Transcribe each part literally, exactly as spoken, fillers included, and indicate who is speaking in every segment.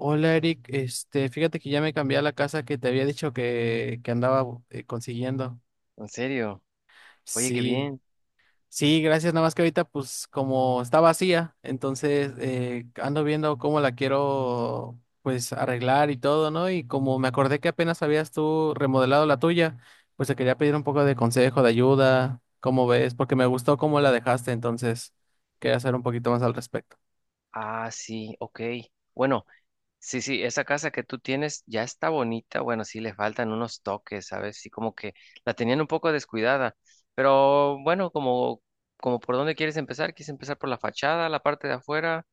Speaker 1: Hola Eric, este, fíjate que ya me cambié a la casa que te había dicho que, que andaba bu- eh, consiguiendo.
Speaker 2: ¿En serio? Oye, qué
Speaker 1: Sí,
Speaker 2: bien.
Speaker 1: sí, gracias, nada más que ahorita pues como está vacía, entonces eh, ando viendo cómo la quiero pues arreglar y todo, ¿no? Y como me acordé que apenas habías tú remodelado la tuya, pues te quería pedir un poco de consejo, de ayuda, ¿cómo ves? Porque me gustó cómo la dejaste, entonces quería hacer un poquito más al respecto.
Speaker 2: Ah, sí, ok. Bueno, sí, sí, esa casa que tú tienes ya está bonita. Bueno, sí, le faltan unos toques, ¿sabes? Sí, como que la tenían un poco descuidada. Pero bueno, como, como por dónde quieres empezar, ¿quieres empezar por la fachada, la parte de afuera,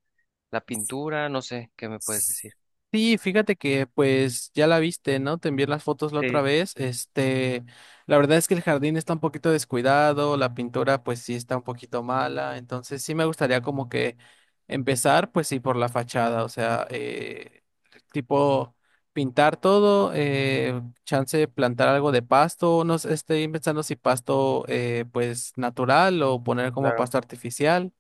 Speaker 2: la pintura? No sé, ¿qué me puedes decir?
Speaker 1: Sí, fíjate que pues ya la viste, ¿no? Te envié las fotos la otra
Speaker 2: Sí,
Speaker 1: vez. Este, la verdad es que el jardín está un poquito descuidado, la pintura pues sí está un poquito mala, entonces sí me gustaría como que empezar pues sí por la fachada, o sea, eh, tipo pintar todo, eh, chance de plantar algo de pasto, no sé, estoy pensando si pasto eh, pues natural o poner como
Speaker 2: claro.
Speaker 1: pasto artificial.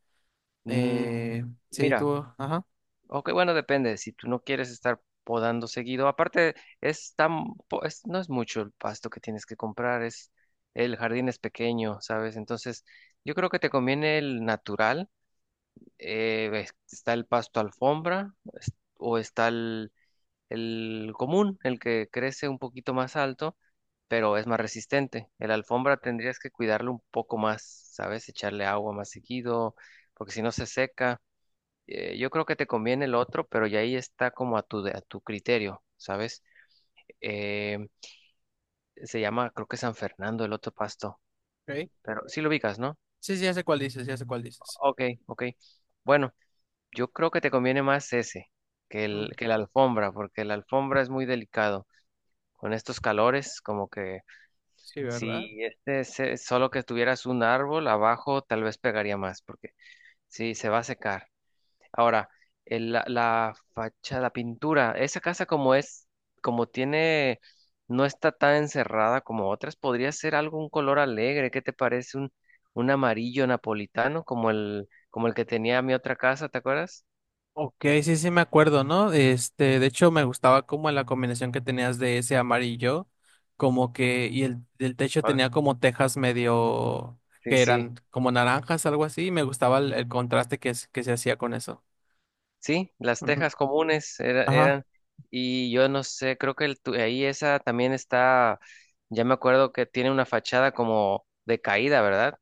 Speaker 2: Mm,
Speaker 1: Eh, sí,
Speaker 2: mira,
Speaker 1: tú, ajá.
Speaker 2: ok, bueno, depende. Si tú no quieres estar podando seguido, aparte es tan, po- es- no es mucho el pasto que tienes que comprar, es el jardín es pequeño, ¿sabes? Entonces, yo creo que te conviene el natural. Eh, ves, está el pasto alfombra es- o está el, el común, el que crece un poquito más alto, pero es más resistente. El alfombra tendrías que cuidarlo un poco más, ¿sabes? Echarle agua más seguido, porque si no se seca. Eh, yo creo que te conviene el otro, pero ya ahí está como a tu, de- a tu criterio, ¿sabes? Eh, Se llama, creo que, San Fernando, el otro pasto,
Speaker 1: Ok.
Speaker 2: pero sí lo ubicas, ¿no?
Speaker 1: Sí, sí, ya sé cuál dices, ya sé cuál dices.
Speaker 2: Ok, ok. Bueno, yo creo que te conviene más ese que el,
Speaker 1: Mm,
Speaker 2: que la alfombra, porque la alfombra es muy delicado. Con estos calores, como que
Speaker 1: sí, ¿verdad?
Speaker 2: si este es, eh, solo que tuvieras un árbol abajo, tal vez pegaría más, porque sí, se va a secar. Ahora, el- la, la fachada, la pintura, esa casa como es, como tiene, no está tan encerrada como otras, podría ser algo, un color alegre, ¿qué te parece? Un, un amarillo napolitano como el, como el que tenía mi otra casa, ¿te acuerdas?
Speaker 1: Ok, sí, sí me acuerdo, ¿no? Este, de hecho me gustaba como la combinación que tenías de ese amarillo, como que, y el, el techo
Speaker 2: Ah,
Speaker 1: tenía como tejas medio,
Speaker 2: sí,
Speaker 1: que
Speaker 2: sí,
Speaker 1: eran como naranjas, algo así, y me gustaba el, el contraste que, es- que se hacía con eso.
Speaker 2: sí, las
Speaker 1: Ujú.
Speaker 2: tejas comunes era-
Speaker 1: Ajá.
Speaker 2: eran, y yo no sé, creo que el tu- ahí esa también está, ya me acuerdo que tiene una fachada como de caída, ¿verdad?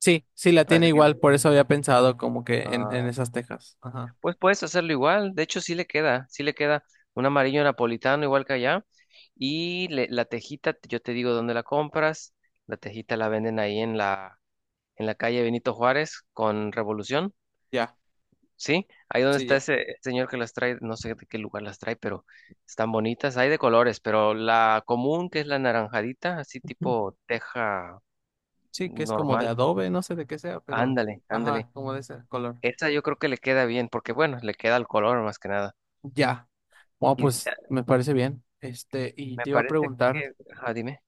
Speaker 1: Sí, sí, la tiene
Speaker 2: Parece que...
Speaker 1: igual, por eso había pensado como que en, en
Speaker 2: Ah.
Speaker 1: esas tejas. Ajá.
Speaker 2: Pues puedes hacerlo igual, de hecho sí le queda, sí le queda un amarillo napolitano igual que allá y le- la tejita, yo te digo dónde la compras, la tejita la venden ahí en la, en la calle Benito Juárez con Revolución,
Speaker 1: Ya,
Speaker 2: ¿sí? Ahí donde
Speaker 1: sí,
Speaker 2: está
Speaker 1: ya.
Speaker 2: ese señor que las trae, no sé de qué lugar las trae, pero están bonitas, hay de colores, pero la común que es la naranjadita, así
Speaker 1: Ujú.
Speaker 2: tipo teja
Speaker 1: Sí, que es como de
Speaker 2: normal,
Speaker 1: adobe, no sé de qué sea, pero,
Speaker 2: ándale, ándale,
Speaker 1: ajá, como de ese color.
Speaker 2: esa yo creo que le queda bien, porque bueno, le queda el color más que nada.
Speaker 1: Ya. Bueno,
Speaker 2: Y
Speaker 1: pues me parece bien. Este, y
Speaker 2: me
Speaker 1: te iba a
Speaker 2: parece
Speaker 1: preguntar
Speaker 2: que, ah, dime.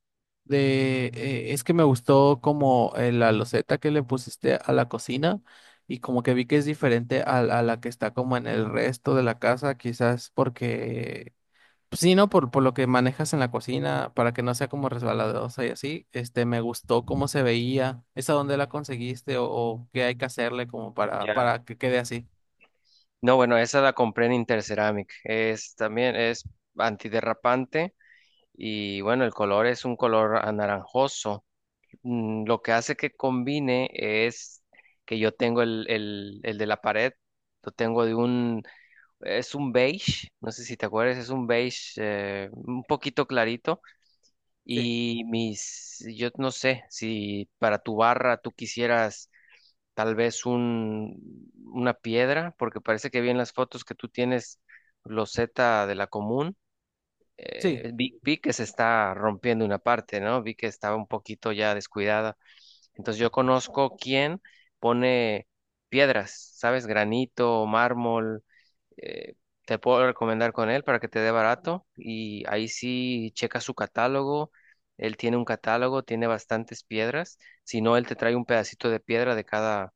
Speaker 1: de, eh, es que me gustó como eh, la loseta que le pusiste a la cocina y como que vi que es diferente a, a la que está como en el resto de la casa, quizás porque, pues sí, ¿no? Por, por lo que manejas en la cocina, para que no sea como resbaladosa y así. Este, me gustó cómo se veía. ¿Esa dónde la conseguiste o, o qué hay que hacerle como para,
Speaker 2: Ya.
Speaker 1: para que quede así?
Speaker 2: No, bueno, esa la compré en Interceramic. Es también es antiderrapante y bueno, el color es un color anaranjoso. Mm, lo que hace que combine es que yo tengo el, el, el de la pared, lo tengo de un, es un beige, no sé si te acuerdas, es un beige eh, un poquito clarito
Speaker 1: Sí.
Speaker 2: y mis, yo no sé si para tu barra tú quisieras tal vez un, una piedra, porque parece que vi en las fotos que tú tienes loseta de la común.
Speaker 1: Sí.
Speaker 2: Eh, vi, vi que se está rompiendo una parte, ¿no? Vi que estaba un poquito ya descuidada. Entonces yo conozco quién pone piedras, ¿sabes? Granito, mármol. eh, Te puedo recomendar con él para que te dé barato y ahí sí checa su catálogo. Él tiene un catálogo, tiene bastantes piedras. Si no, él te trae un pedacito de piedra de cada,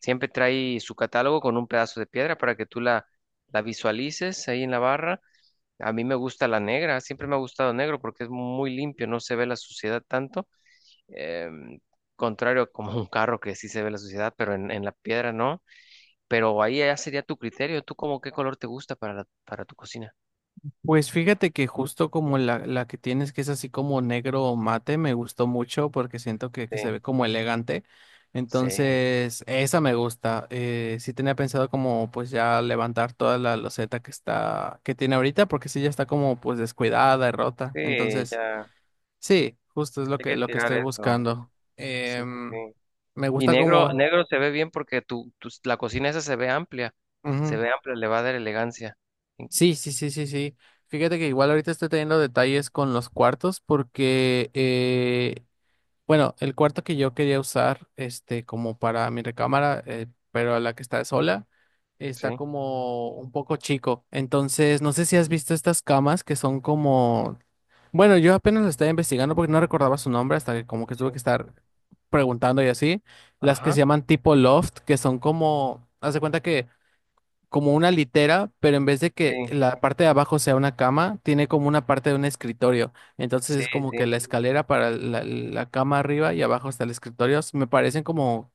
Speaker 2: siempre trae su catálogo con un pedazo de piedra para que tú la, la visualices ahí en la barra. A mí me gusta la negra, siempre me ha gustado negro porque es muy limpio, no se ve la suciedad tanto. em, Contrario a como un carro que sí se ve la suciedad, pero en, en la piedra no. Pero ahí ya sería tu criterio. ¿Tú como qué color te gusta para la- para tu cocina?
Speaker 1: Pues fíjate que justo como la, la que tienes, que es así como negro o mate, me gustó mucho porque siento que, que
Speaker 2: Sí,
Speaker 1: se ve como elegante.
Speaker 2: sí,
Speaker 1: Entonces, esa me gusta. Eh, sí tenía pensado como pues ya levantar toda la loseta que está, que tiene ahorita, porque sí ya está como pues descuidada y rota.
Speaker 2: sí,
Speaker 1: Entonces,
Speaker 2: ya
Speaker 1: sí, justo es lo
Speaker 2: hay
Speaker 1: que,
Speaker 2: que
Speaker 1: lo que
Speaker 2: tirar
Speaker 1: estoy
Speaker 2: eso.
Speaker 1: buscando.
Speaker 2: Sí, sí,
Speaker 1: Em,
Speaker 2: sí.
Speaker 1: me
Speaker 2: Y
Speaker 1: gusta
Speaker 2: negro,
Speaker 1: como...
Speaker 2: negro se ve bien porque tu, tu la cocina esa se ve amplia, se
Speaker 1: Ujú.
Speaker 2: ve amplia, le va a dar elegancia.
Speaker 1: Sí, sí, sí, sí, sí. Fíjate que igual ahorita estoy teniendo detalles con los cuartos porque eh, bueno, el cuarto que yo quería usar, este, como para mi recámara, eh, pero la que está sola,
Speaker 2: Sí,
Speaker 1: está como un poco chico. Entonces, no sé si has visto estas camas que son como, bueno, yo apenas lo estaba investigando porque no recordaba su nombre hasta que como que tuve que
Speaker 2: sí,
Speaker 1: estar preguntando y así. Las que se
Speaker 2: ajá,
Speaker 1: llaman tipo loft, que son como, haz de cuenta que como una litera, pero en vez de que
Speaker 2: sí,
Speaker 1: la parte de abajo sea una cama, tiene como una parte de un escritorio. Entonces
Speaker 2: sí,
Speaker 1: es como
Speaker 2: sí.
Speaker 1: que la escalera para la, la cama arriba y abajo está el escritorio. S- Me parecen como,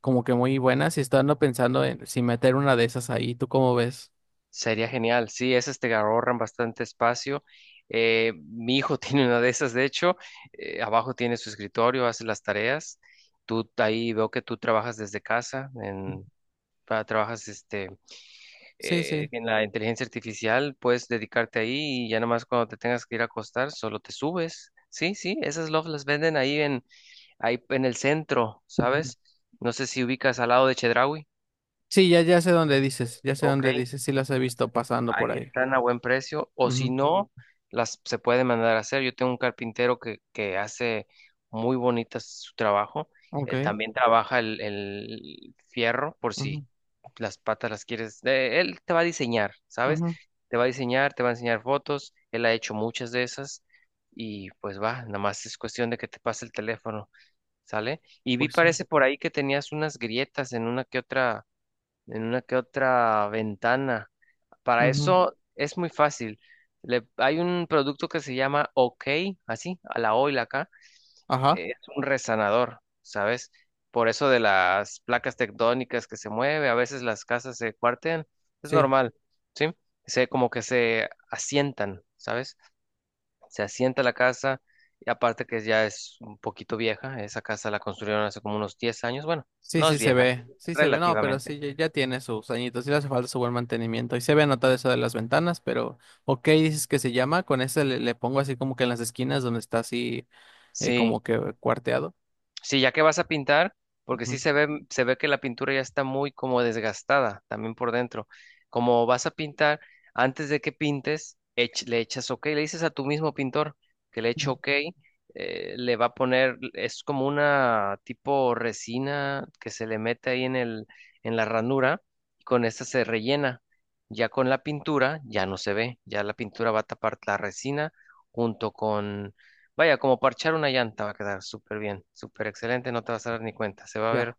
Speaker 1: como que muy buenas y estoy andando pensando en si meter una de esas ahí. ¿Tú cómo ves?
Speaker 2: Sería genial, sí, esas te ahorran bastante espacio. Eh, mi hijo tiene una de esas, de hecho, eh, abajo tiene su escritorio, hace las tareas. Tú ahí veo que tú trabajas desde casa, en, ah, trabajas este
Speaker 1: Sí,
Speaker 2: eh,
Speaker 1: sí.
Speaker 2: en la inteligencia artificial, puedes dedicarte ahí y ya nomás cuando te tengas que ir a acostar, solo te subes. Sí, sí, esas lofts las venden ahí en, ahí en el centro,
Speaker 1: Ujú.
Speaker 2: ¿sabes? No sé si ubicas al lado de Chedraui.
Speaker 1: Sí, ya, ya sé dónde dices, ya sé
Speaker 2: Ok,
Speaker 1: dónde dices, sí las he visto pasando por
Speaker 2: ahí
Speaker 1: ahí.
Speaker 2: están a buen precio. O si
Speaker 1: Ujú.
Speaker 2: no, las se puede mandar a hacer. Yo tengo un carpintero que, que hace muy bonitas su trabajo. Eh,
Speaker 1: Ok.
Speaker 2: también trabaja el, el fierro por si
Speaker 1: Ujú,
Speaker 2: las patas las quieres, eh, él te va a diseñar, ¿sabes?
Speaker 1: ujú.
Speaker 2: Te va a diseñar, te va a enseñar fotos, él ha hecho muchas de esas y pues va, nada más es cuestión de que te pase el teléfono, ¿sale? Y vi
Speaker 1: Pues sí.
Speaker 2: parece por ahí que tenías unas grietas en una que otra, en una que otra ventana. Para
Speaker 1: Ujú.
Speaker 2: eso es muy fácil. Le- hay un producto que se llama OK, así, a la O y la K,
Speaker 1: Ajá.
Speaker 2: es un resanador, ¿sabes? Por eso de las placas tectónicas que se mueve, a veces las casas se cuartean, es
Speaker 1: Sí.
Speaker 2: normal, ¿sí? Se, como que se asientan, ¿sabes? Se asienta la casa y aparte que ya es un poquito vieja, esa casa la construyeron hace como unos diez años, bueno,
Speaker 1: Sí,
Speaker 2: no es
Speaker 1: sí se
Speaker 2: vieja,
Speaker 1: ve, sí se ve, no, pero
Speaker 2: relativamente.
Speaker 1: sí, ya, ya tiene sus añitos, sí le hace falta su buen mantenimiento. Y se ve anotado eso de las ventanas, pero ok, dices que se llama, con ese le, le pongo así como que en las esquinas donde está así eh,
Speaker 2: Sí,
Speaker 1: como que cuarteado.
Speaker 2: sí, ya que vas a pintar, porque sí
Speaker 1: Ujú.
Speaker 2: se ve, se ve que la pintura ya está muy como desgastada también por dentro. Como vas a pintar, antes de que pintes, ech- le echas OK, le dices a tu mismo pintor que le eche OK, eh, le va a poner, es como una tipo resina que se le mete ahí en el, en la ranura, y con esta se rellena. Ya con la pintura, ya no se ve, ya la pintura va a tapar la resina junto. Vaya, como parchar una llanta va a quedar súper bien, súper excelente, no te vas a dar ni cuenta, se va a ver
Speaker 1: Ya.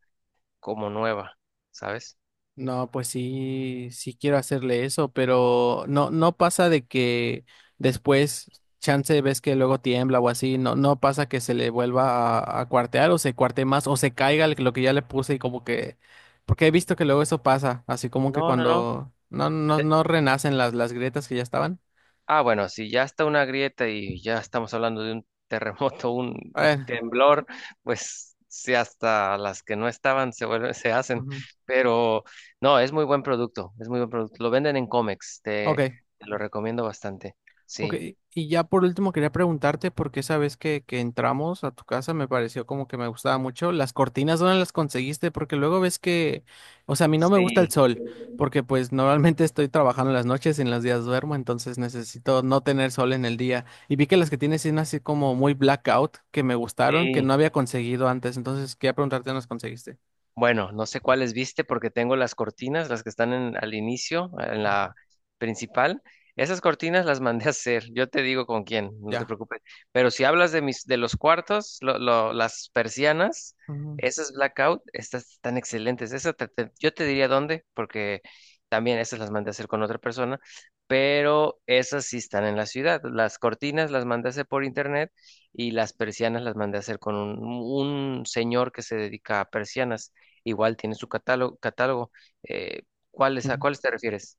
Speaker 2: como nueva, ¿sabes?
Speaker 1: No, pues sí, sí quiero hacerle eso, pero no, no pasa de que después, chance, ves que luego tiembla o así, no, no pasa que se le vuelva a, a cuartear o se cuarte más o se caiga el- lo que ya le puse y como que, porque he visto que luego eso pasa, así como que
Speaker 2: No, no, no.
Speaker 1: cuando no, no, no renacen las, las grietas que ya estaban.
Speaker 2: Ah, bueno, si ya está una grieta y ya estamos hablando de un terremoto, un
Speaker 1: A ver,
Speaker 2: temblor, pues sí, hasta las que no estaban se vuelven, se hacen,
Speaker 1: ujú,
Speaker 2: pero no, es muy buen producto, es muy buen producto. Lo venden en Comex, te,
Speaker 1: ok.
Speaker 2: te lo recomiendo bastante.
Speaker 1: Ok,
Speaker 2: Sí,
Speaker 1: y ya por último quería preguntarte, porque esa vez que, que entramos a tu casa me pareció como que me gustaba mucho. Las cortinas, ¿dónde las conseguiste? Porque luego ves que, o sea, a mí no me gusta el
Speaker 2: sí,
Speaker 1: sol, porque pues normalmente estoy trabajando en las noches y en los días duermo, entonces necesito no tener sol en el día. Y vi que las que tienes son así como muy blackout, que me gustaron, que no
Speaker 2: sí.
Speaker 1: había conseguido antes, entonces quería preguntarte dónde las conseguiste.
Speaker 2: Bueno, no sé cuáles viste porque tengo las cortinas, las que están en- al inicio, en
Speaker 1: Ujú,
Speaker 2: la principal. Esas cortinas las mandé a hacer. Yo te digo con quién, no te
Speaker 1: ya.
Speaker 2: preocupes. Pero si hablas de mis, de los cuartos, lo- lo- las persianas,
Speaker 1: Ujú,
Speaker 2: esas blackout, estas están excelentes. Esa te- te- yo te diría dónde, porque también esas las mandé a hacer con otra persona. Pero esas sí están en la ciudad. Las cortinas las mandé a hacer por internet y las persianas las mandé a hacer con un un señor que se dedica a persianas. Igual tiene su catálogo, catálogo. Eh, ¿cuáles, a
Speaker 1: ujú.
Speaker 2: cuáles te refieres?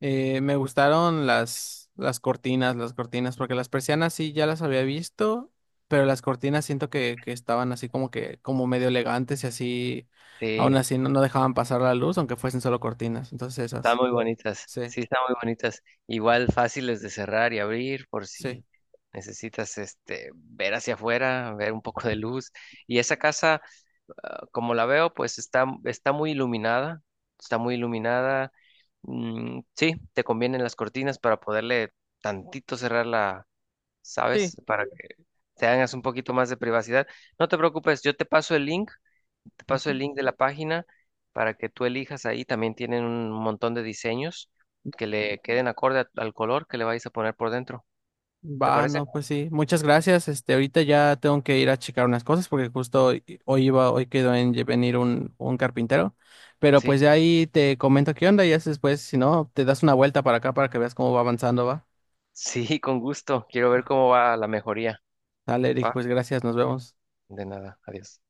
Speaker 1: Eh, me gustaron las, las cortinas, las cortinas, porque las persianas sí ya las había visto, pero las cortinas siento que, que estaban así como que, como medio elegantes y así, aún
Speaker 2: Sí,
Speaker 1: así no, no dejaban pasar la luz, aunque fuesen solo cortinas. Entonces
Speaker 2: están
Speaker 1: esas,
Speaker 2: muy bonitas.
Speaker 1: sí,
Speaker 2: Sí, están muy bonitas. Igual fáciles de cerrar y abrir por
Speaker 1: sí,
Speaker 2: si necesitas este ver hacia afuera, ver un poco de luz. Y esa casa, ah, como la veo, pues está, está muy iluminada. Está muy iluminada. Mm, sí, te convienen las cortinas para poderle tantito cerrarla,
Speaker 1: sí.
Speaker 2: ¿sabes? Para que te hagas un poquito más de privacidad. No te preocupes, yo te paso el link. Te paso el
Speaker 1: Ujú.
Speaker 2: link de la página para que tú elijas ahí. También tienen un montón de diseños que le queden acorde a- al color que le vais a poner por dentro. ¿Te
Speaker 1: Va,
Speaker 2: parece?
Speaker 1: no, pues sí. Muchas gracias. Este, ahorita ya tengo que ir a checar unas cosas porque justo hoy, hoy iba, hoy quedó en lle- venir un, un carpintero. Pero
Speaker 2: Sí.
Speaker 1: pues ya ahí te comento qué onda y ya después, si no, te das una vuelta para acá para que veas cómo va avanzando, va.
Speaker 2: Sí, con gusto. Quiero ver cómo va la mejoría.
Speaker 1: Dale, Eric,
Speaker 2: Va.
Speaker 1: pues gracias, nos vemos.
Speaker 2: De nada. Adiós.